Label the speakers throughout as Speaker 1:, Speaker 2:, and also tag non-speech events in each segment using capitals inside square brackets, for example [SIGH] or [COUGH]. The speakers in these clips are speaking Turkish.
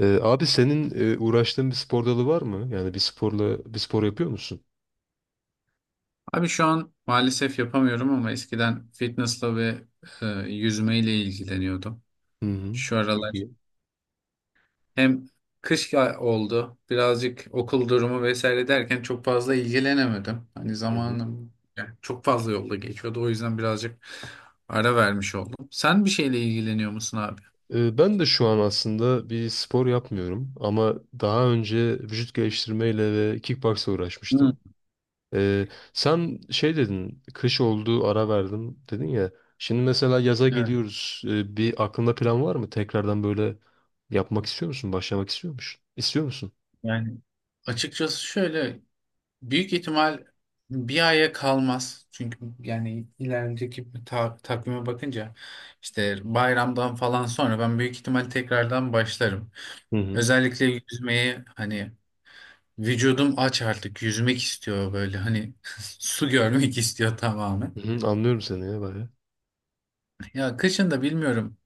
Speaker 1: Abi senin uğraştığın bir spor dalı var mı? Yani bir sporla bir spor yapıyor musun?
Speaker 2: Abi şu an maalesef yapamıyorum ama eskiden fitnessla ve yüzmeyle ilgileniyordum.
Speaker 1: Hı hı.
Speaker 2: Şu
Speaker 1: Çok
Speaker 2: aralar
Speaker 1: iyi.
Speaker 2: hem oldu, birazcık okul durumu vesaire derken çok fazla ilgilenemedim. Hani
Speaker 1: Hı hı.
Speaker 2: zamanım yani çok fazla yolda geçiyordu. O yüzden birazcık ara vermiş oldum. Sen bir şeyle ilgileniyor musun abi?
Speaker 1: Ben de şu an aslında bir spor yapmıyorum ama daha önce vücut geliştirmeyle ve kickboxla
Speaker 2: Hı,
Speaker 1: uğraşmıştım. Ee, Sen şey dedin, kış oldu ara verdim dedin ya. Şimdi mesela yaza
Speaker 2: evet.
Speaker 1: geliyoruz. Bir aklında plan var mı? Tekrardan böyle yapmak istiyor musun? Başlamak istiyor musun? İstiyor musun?
Speaker 2: Yani açıkçası şöyle büyük ihtimal bir aya kalmaz. Çünkü yani ilerideki takvime bakınca işte bayramdan falan sonra ben büyük ihtimal tekrardan başlarım.
Speaker 1: Hı hı.
Speaker 2: Özellikle yüzmeyi hani vücudum aç artık yüzmek istiyor böyle hani [LAUGHS] su görmek istiyor tamamen.
Speaker 1: Hı hı, anlıyorum seni ya bayağı.
Speaker 2: Ya kışın da bilmiyorum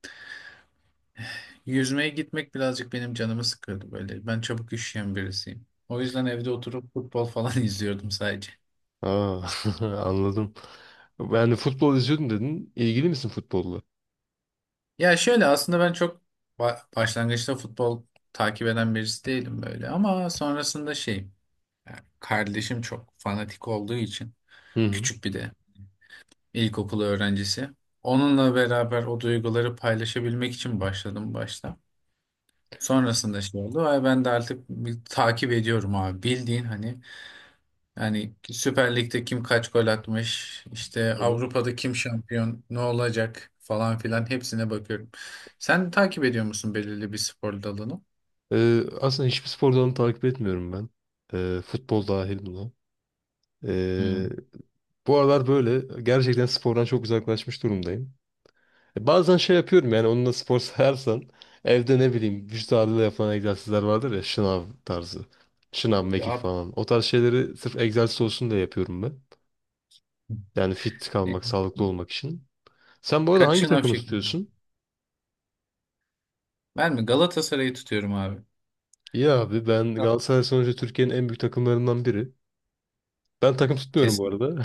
Speaker 2: yüzmeye gitmek birazcık benim canımı sıkıyordu böyle. Ben çabuk üşüyen birisiyim. O yüzden evde oturup futbol falan [LAUGHS] izliyordum sadece.
Speaker 1: Aa, [LAUGHS] anladım. Yani futbol izliyordum dedin. İlgili misin futbolla?
Speaker 2: Ya şöyle aslında ben çok başlangıçta futbol takip eden birisi değilim böyle ama sonrasında şey yani kardeşim çok fanatik olduğu için
Speaker 1: Hı hı.
Speaker 2: küçük bir de ilkokul öğrencisi. Onunla beraber o duyguları paylaşabilmek için başladım başta. Sonrasında şey oldu ve ben de artık bir takip ediyorum abi bildiğin hani yani Süper Lig'de kim kaç gol atmış, işte
Speaker 1: Hı hı.
Speaker 2: Avrupa'da kim şampiyon, ne olacak falan filan hepsine bakıyorum. Sen takip ediyor musun belirli bir spor dalını?
Speaker 1: Aslında hiçbir spor dalını takip etmiyorum ben. Futbol dahil buna. Ee,
Speaker 2: Hmm.
Speaker 1: Bu aralar böyle gerçekten spordan çok uzaklaşmış durumdayım. Bazen şey yapıyorum yani onunla spor [LAUGHS] sayarsan evde ne bileyim vücut ağırlığıyla yapılan egzersizler vardır ya şınav tarzı. Şınav, mekik
Speaker 2: Ya
Speaker 1: falan. O tarz şeyleri sırf egzersiz olsun diye yapıyorum ben. Yani fit kalmak,
Speaker 2: e,
Speaker 1: sağlıklı olmak için. Sen bu arada
Speaker 2: kaç
Speaker 1: hangi
Speaker 2: şınav
Speaker 1: takımı
Speaker 2: çekildi?
Speaker 1: tutuyorsun?
Speaker 2: Ben mi Galatasaray'ı tutuyorum abi.
Speaker 1: İyi abi ben
Speaker 2: Tamam.
Speaker 1: Galatasaray sonuçta Türkiye'nin en büyük takımlarından biri. Ben takım tutmuyorum bu
Speaker 2: Kesin.
Speaker 1: arada.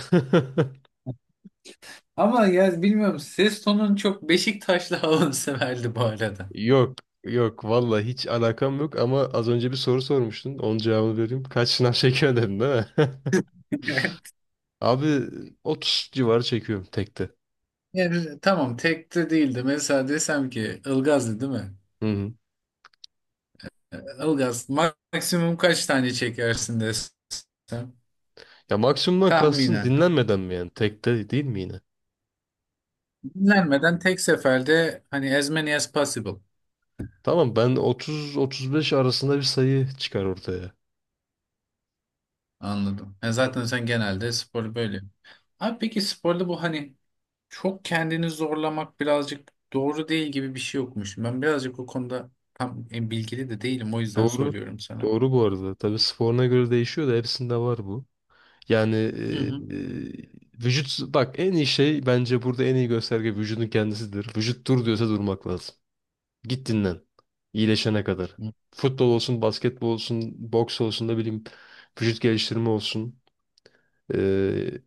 Speaker 2: Ama ya bilmiyorum ses tonun çok Beşiktaşlı [LAUGHS] havanı severdi bu arada.
Speaker 1: [LAUGHS] Yok, yok, vallahi hiç alakam yok ama az önce bir soru sormuştun. Onun cevabını vereyim. Kaç sınav [LAUGHS] çekiyor dedin değil mi?
Speaker 2: [LAUGHS]
Speaker 1: [LAUGHS] Abi 30 civarı çekiyorum tekte.
Speaker 2: Yani, tamam tek de değildi. Mesela desem ki Ilgaz'dı değil mi?
Speaker 1: Hı hı.
Speaker 2: Ilgaz maksimum kaç tane çekersin desem.
Speaker 1: Ya maksimumdan kastın
Speaker 2: Tahminen.
Speaker 1: dinlenmeden mi yani? Tekte değil mi yine?
Speaker 2: Dinlenmeden tek seferde hani as many as possible.
Speaker 1: Tamam ben 30-35 arasında bir sayı çıkar ortaya.
Speaker 2: Anladım. Yani zaten sen genelde sporu böyle yapıyorsun. Abi peki sporda bu hani çok kendini zorlamak birazcık doğru değil gibi bir şey yokmuş. Ben birazcık o konuda tam bilgili de değilim. O yüzden
Speaker 1: Doğru.
Speaker 2: soruyorum sana.
Speaker 1: Doğru bu arada. Tabii sporuna göre değişiyor da hepsinde var bu. Yani
Speaker 2: Hı hı.
Speaker 1: e, vücut bak en iyi şey bence burada en iyi gösterge vücudun kendisidir. Vücut dur diyorsa durmak lazım. Git dinlen. İyileşene kadar.
Speaker 2: Hı.
Speaker 1: Futbol olsun, basketbol olsun, boks olsun da bileyim vücut geliştirme olsun. E,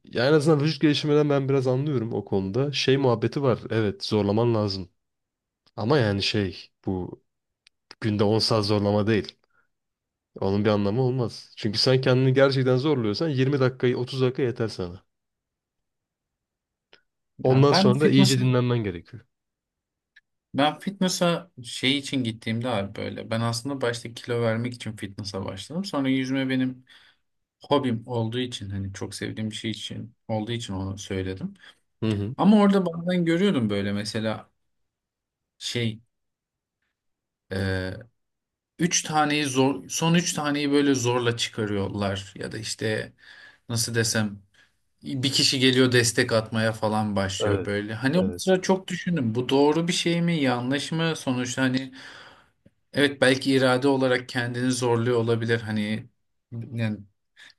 Speaker 1: Ya en azından vücut geliştirmeden ben biraz anlıyorum o konuda. Şey muhabbeti var. Evet zorlaman lazım. Ama yani şey bu günde 10 saat zorlama değil. Onun bir anlamı olmaz. Çünkü sen kendini gerçekten zorluyorsan 20 dakikayı 30 dakika yeter sana.
Speaker 2: Ya
Speaker 1: Ondan
Speaker 2: ben
Speaker 1: sonra da iyice
Speaker 2: fitness'a
Speaker 1: dinlenmen gerekiyor.
Speaker 2: ben fitness'a şey için gittiğimde abi böyle ben aslında başta kilo vermek için fitness'a başladım. Sonra yüzme benim hobim olduğu için hani çok sevdiğim bir şey için olduğu için onu söyledim.
Speaker 1: Hı hı.
Speaker 2: Ama orada bazen görüyordum böyle mesela şey e, üç taneyi zor son üç taneyi böyle zorla çıkarıyorlar ya da işte nasıl desem bir kişi geliyor destek atmaya falan başlıyor
Speaker 1: Evet.
Speaker 2: böyle. Hani o
Speaker 1: Evet.
Speaker 2: sıra çok düşündüm bu doğru bir şey mi yanlış mı sonuçta hani evet belki irade olarak kendini zorluyor olabilir hani yani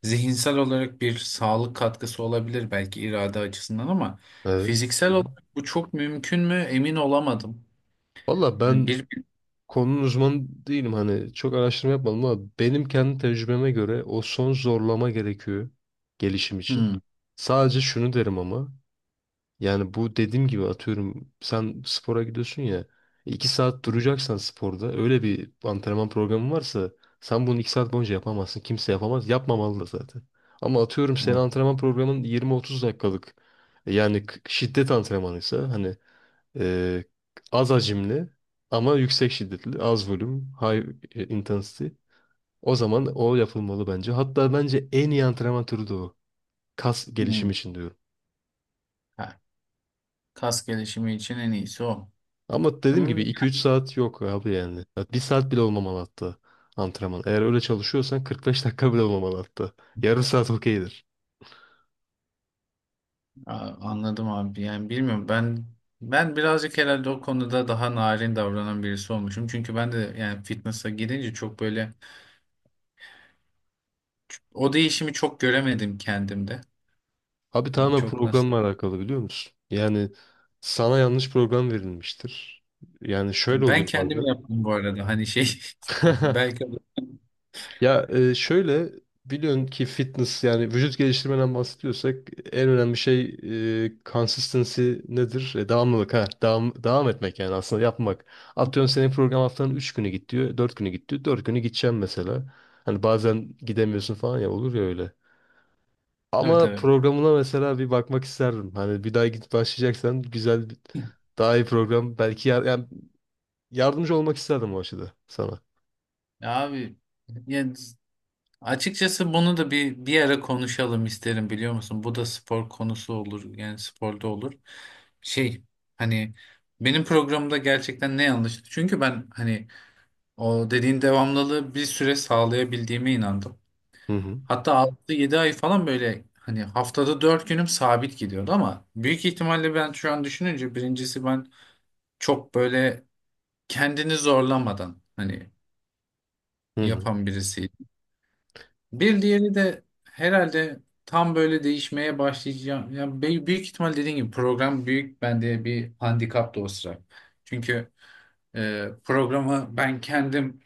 Speaker 2: zihinsel olarak bir sağlık katkısı olabilir belki irade açısından ama
Speaker 1: Evet. Hı
Speaker 2: fiziksel
Speaker 1: hı.
Speaker 2: olarak bu çok mümkün mü emin olamadım.
Speaker 1: Valla
Speaker 2: Yani
Speaker 1: ben
Speaker 2: bir.
Speaker 1: konunun uzmanı değilim hani çok araştırma yapmadım ama benim kendi tecrübeme göre o son zorlama gerekiyor gelişim için.
Speaker 2: Hmm.
Speaker 1: Sadece şunu derim ama yani bu dediğim gibi atıyorum sen spora gidiyorsun ya 2 saat duracaksan sporda öyle bir antrenman programı varsa sen bunu 2 saat boyunca yapamazsın. Kimse yapamaz. Yapmamalı da zaten. Ama atıyorum senin
Speaker 2: Hmm.
Speaker 1: antrenman programın 20-30 dakikalık şiddet antrenmanıysa e, az hacimli ama yüksek şiddetli az volüm high intensity o zaman o yapılmalı bence. Hatta bence en iyi antrenman türü de o. Kas
Speaker 2: Hmm.
Speaker 1: gelişimi için diyorum.
Speaker 2: Ha, kas gelişimi için en iyisi o.
Speaker 1: Ama dediğim gibi
Speaker 2: Ama-
Speaker 1: 2 3 saat yok abi yani. Ya 1 saat bile olmamalı hatta antrenman. Eğer öyle çalışıyorsan 45 dakika bile olmamalı hatta. Yarım saat okeydir.
Speaker 2: A- anladım abi. Yani bilmiyorum ben ben birazcık herhalde o konuda daha narin davranan birisi olmuşum. Çünkü ben de yani fitness'a girince çok böyle o değişimi çok göremedim kendimde.
Speaker 1: Abi
Speaker 2: Yani
Speaker 1: tamamen
Speaker 2: çok
Speaker 1: programla
Speaker 2: nasıl?
Speaker 1: alakalı biliyor musun? Yani sana yanlış program verilmiştir. Yani şöyle
Speaker 2: Ben
Speaker 1: oluyor
Speaker 2: kendim
Speaker 1: bazen.
Speaker 2: yaptım bu arada. Hani şey [LAUGHS]
Speaker 1: [LAUGHS]
Speaker 2: belki
Speaker 1: Şöyle biliyorsun ki fitness yani vücut geliştirmeden bahsediyorsak en önemli şey consistency nedir? Devamlılık ha. Devam etmek yani aslında yapmak. Atıyorum senin program haftanın 3 günü git diyor, 4 günü git diyor. 4 günü gideceğim mesela. Hani bazen gidemiyorsun falan ya olur ya öyle.
Speaker 2: tabii
Speaker 1: Ama
Speaker 2: tabii.
Speaker 1: programına mesela bir bakmak isterdim. Hani bir daha git başlayacaksan daha iyi program yani yardımcı olmak isterdim o açıda sana.
Speaker 2: Ya abi yani açıkçası bunu da bir ara konuşalım isterim biliyor musun? Bu da spor konusu olur. Yani sporda olur. Şey hani benim programımda gerçekten ne yanlıştı? Çünkü ben hani o dediğin devamlılığı bir süre sağlayabildiğime inandım.
Speaker 1: Hı hı.
Speaker 2: Hatta 6-7 ay falan böyle hani haftada 4 günüm sabit gidiyordu ama büyük ihtimalle ben şu an düşününce birincisi ben çok böyle kendini zorlamadan hani
Speaker 1: Hı hı.
Speaker 2: yapan birisi. Bir diğeri de herhalde tam böyle değişmeye başlayacağım. Büyük ihtimal dediğim gibi program büyük bende bir handikap da o sıra. Çünkü programı ben kendim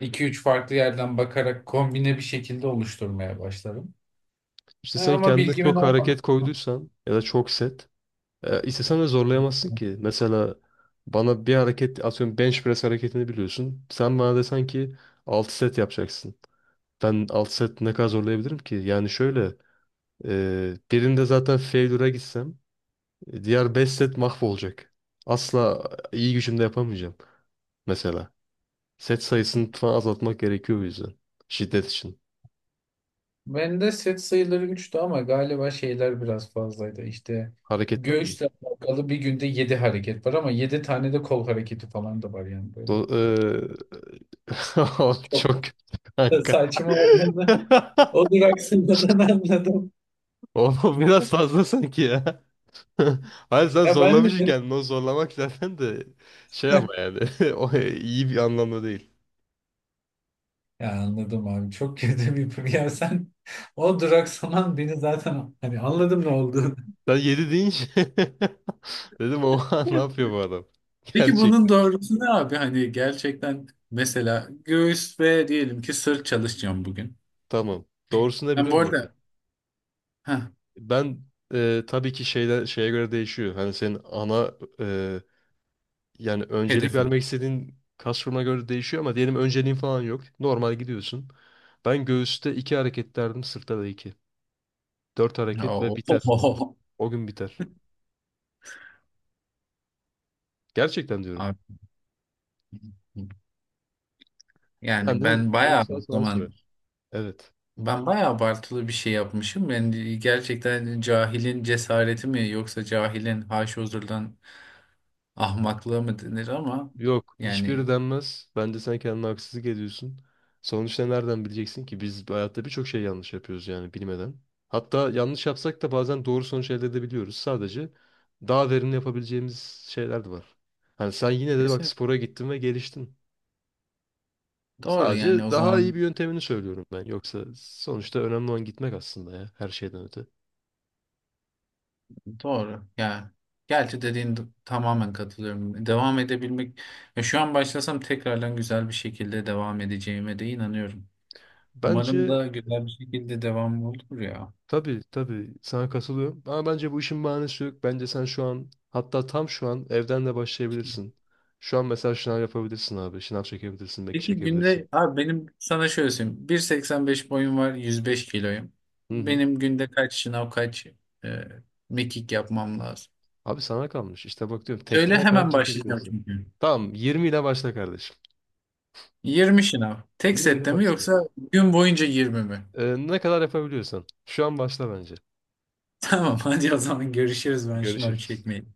Speaker 2: iki üç farklı yerden bakarak kombine bir şekilde oluşturmaya başlarım.
Speaker 1: İşte
Speaker 2: E,
Speaker 1: sen
Speaker 2: ama
Speaker 1: kendine
Speaker 2: bilgimin
Speaker 1: çok
Speaker 2: olmadı.
Speaker 1: hareket koyduysan ya da çok set, istesen de zorlayamazsın ki. Mesela bana bir hareket atıyorum bench press hareketini biliyorsun. Sen bana desen ki 6 set yapacaksın. Ben 6 set ne kadar zorlayabilirim ki? Birinde zaten failure'a gitsem diğer 5 set mahvolacak. Asla iyi gücümde yapamayacağım mesela. Set sayısını falan azaltmak gerekiyor bu yüzden. Şiddet için.
Speaker 2: Bende set sayıları 3'tü ama galiba şeyler biraz fazlaydı. İşte
Speaker 1: Hareketler mi?
Speaker 2: göğüsle alakalı bir günde 7 hareket var ama 7 tane de kol hareketi falan da var yani böyle.
Speaker 1: Do Oğlum [LAUGHS]
Speaker 2: Çok.
Speaker 1: çok kötü
Speaker 2: Da
Speaker 1: kanka.
Speaker 2: saçma olduğunu [LAUGHS]
Speaker 1: [LAUGHS]
Speaker 2: o duraksamadan anladım.
Speaker 1: Oğlum biraz fazla sanki ya. [LAUGHS] Hayır sen
Speaker 2: Ya ben de
Speaker 1: zorlamışsın
Speaker 2: dedim. [LAUGHS]
Speaker 1: kendini. O zorlamak zaten de şey ama yani [LAUGHS] o iyi bir anlamda değil.
Speaker 2: Ya anladım abi çok kötü bir ya sen [LAUGHS] o duraksaman beni zaten hani anladım ne olduğunu.
Speaker 1: Sen yedi deyince [LAUGHS] dedim oha ne yapıyor
Speaker 2: [LAUGHS]
Speaker 1: bu adam?
Speaker 2: Peki bunun
Speaker 1: Gerçekten.
Speaker 2: doğrusu ne abi? Hani gerçekten mesela göğüs ve diyelim ki sırt çalışacağım bugün.
Speaker 1: Tamam. Doğrusunu da
Speaker 2: Ben
Speaker 1: biliyor
Speaker 2: bu
Speaker 1: musun hocam?
Speaker 2: arada heh,
Speaker 1: Ben tabii ki şeyden şeye göre değişiyor. Hani senin ana Yani öncelik
Speaker 2: hedefim.
Speaker 1: vermek istediğin kas grubuna göre değişiyor ama diyelim önceliğin falan yok. Normal gidiyorsun. Ben göğüste 2 hareket derdim, sırtta da iki. 4 hareket ve
Speaker 2: Oo.
Speaker 1: biter.
Speaker 2: [LAUGHS]
Speaker 1: O gün biter. Gerçekten diyorum.
Speaker 2: Abi, yani
Speaker 1: Yani
Speaker 2: ben
Speaker 1: yarım
Speaker 2: bayağı o
Speaker 1: saat falan
Speaker 2: zaman
Speaker 1: sürer. Evet.
Speaker 2: ben bayağı abartılı bir şey yapmışım. Yani gerçekten cahilin cesareti mi yoksa cahilin haşozurdan ahmaklığı mı denir ama
Speaker 1: Yok, hiçbiri
Speaker 2: yani
Speaker 1: denmez. Bence sen kendine haksızlık ediyorsun. Sonuçta nereden bileceksin ki? Biz bu hayatta birçok şey yanlış yapıyoruz yani bilmeden. Hatta yanlış yapsak da bazen doğru sonuç elde edebiliyoruz. Sadece daha verimli yapabileceğimiz şeyler de var. Hani sen yine de bak
Speaker 2: kesinlikle
Speaker 1: spora gittin ve geliştin.
Speaker 2: doğru
Speaker 1: Sadece
Speaker 2: yani o
Speaker 1: daha iyi bir
Speaker 2: zaman
Speaker 1: yöntemini söylüyorum ben. Yoksa sonuçta önemli olan gitmek aslında ya her şeyden öte.
Speaker 2: doğru. Ya gerçi tamamen katılıyorum. Devam edebilmek ya şu an başlasam tekrardan güzel bir şekilde devam edeceğime de inanıyorum. Umarım
Speaker 1: Bence
Speaker 2: da güzel bir şekilde devam olur ya.
Speaker 1: Tabii tabii sana katılıyorum. Ama bence bu işin bahanesi yok. Bence sen şu an hatta tam şu an evden de başlayabilirsin. Şu an mesela şınav yapabilirsin abi. Şınav çekebilirsin, belki
Speaker 2: Peki
Speaker 1: çekebilirsin.
Speaker 2: günde abi benim sana şöyle söyleyeyim. 1.85 boyum var, 105 kiloyum.
Speaker 1: Hı hı.
Speaker 2: Benim günde kaç şınav, kaç e, mekik yapmam lazım?
Speaker 1: Abi sana kalmış. İşte bak diyorum tekte
Speaker 2: Söyle
Speaker 1: ne kadar
Speaker 2: hemen başlayacağım
Speaker 1: çekebilirsin.
Speaker 2: çünkü.
Speaker 1: Tamam 20 ile başla kardeşim.
Speaker 2: 20 şınav. Tek
Speaker 1: 20 ile
Speaker 2: sette mi
Speaker 1: başla.
Speaker 2: yoksa gün boyunca 20 mi? [LAUGHS]
Speaker 1: Ne kadar yapabiliyorsan. Şu an başla bence.
Speaker 2: Tamam hadi o zaman görüşürüz ben şınav
Speaker 1: Görüşürüz.
Speaker 2: çekmeyeyim.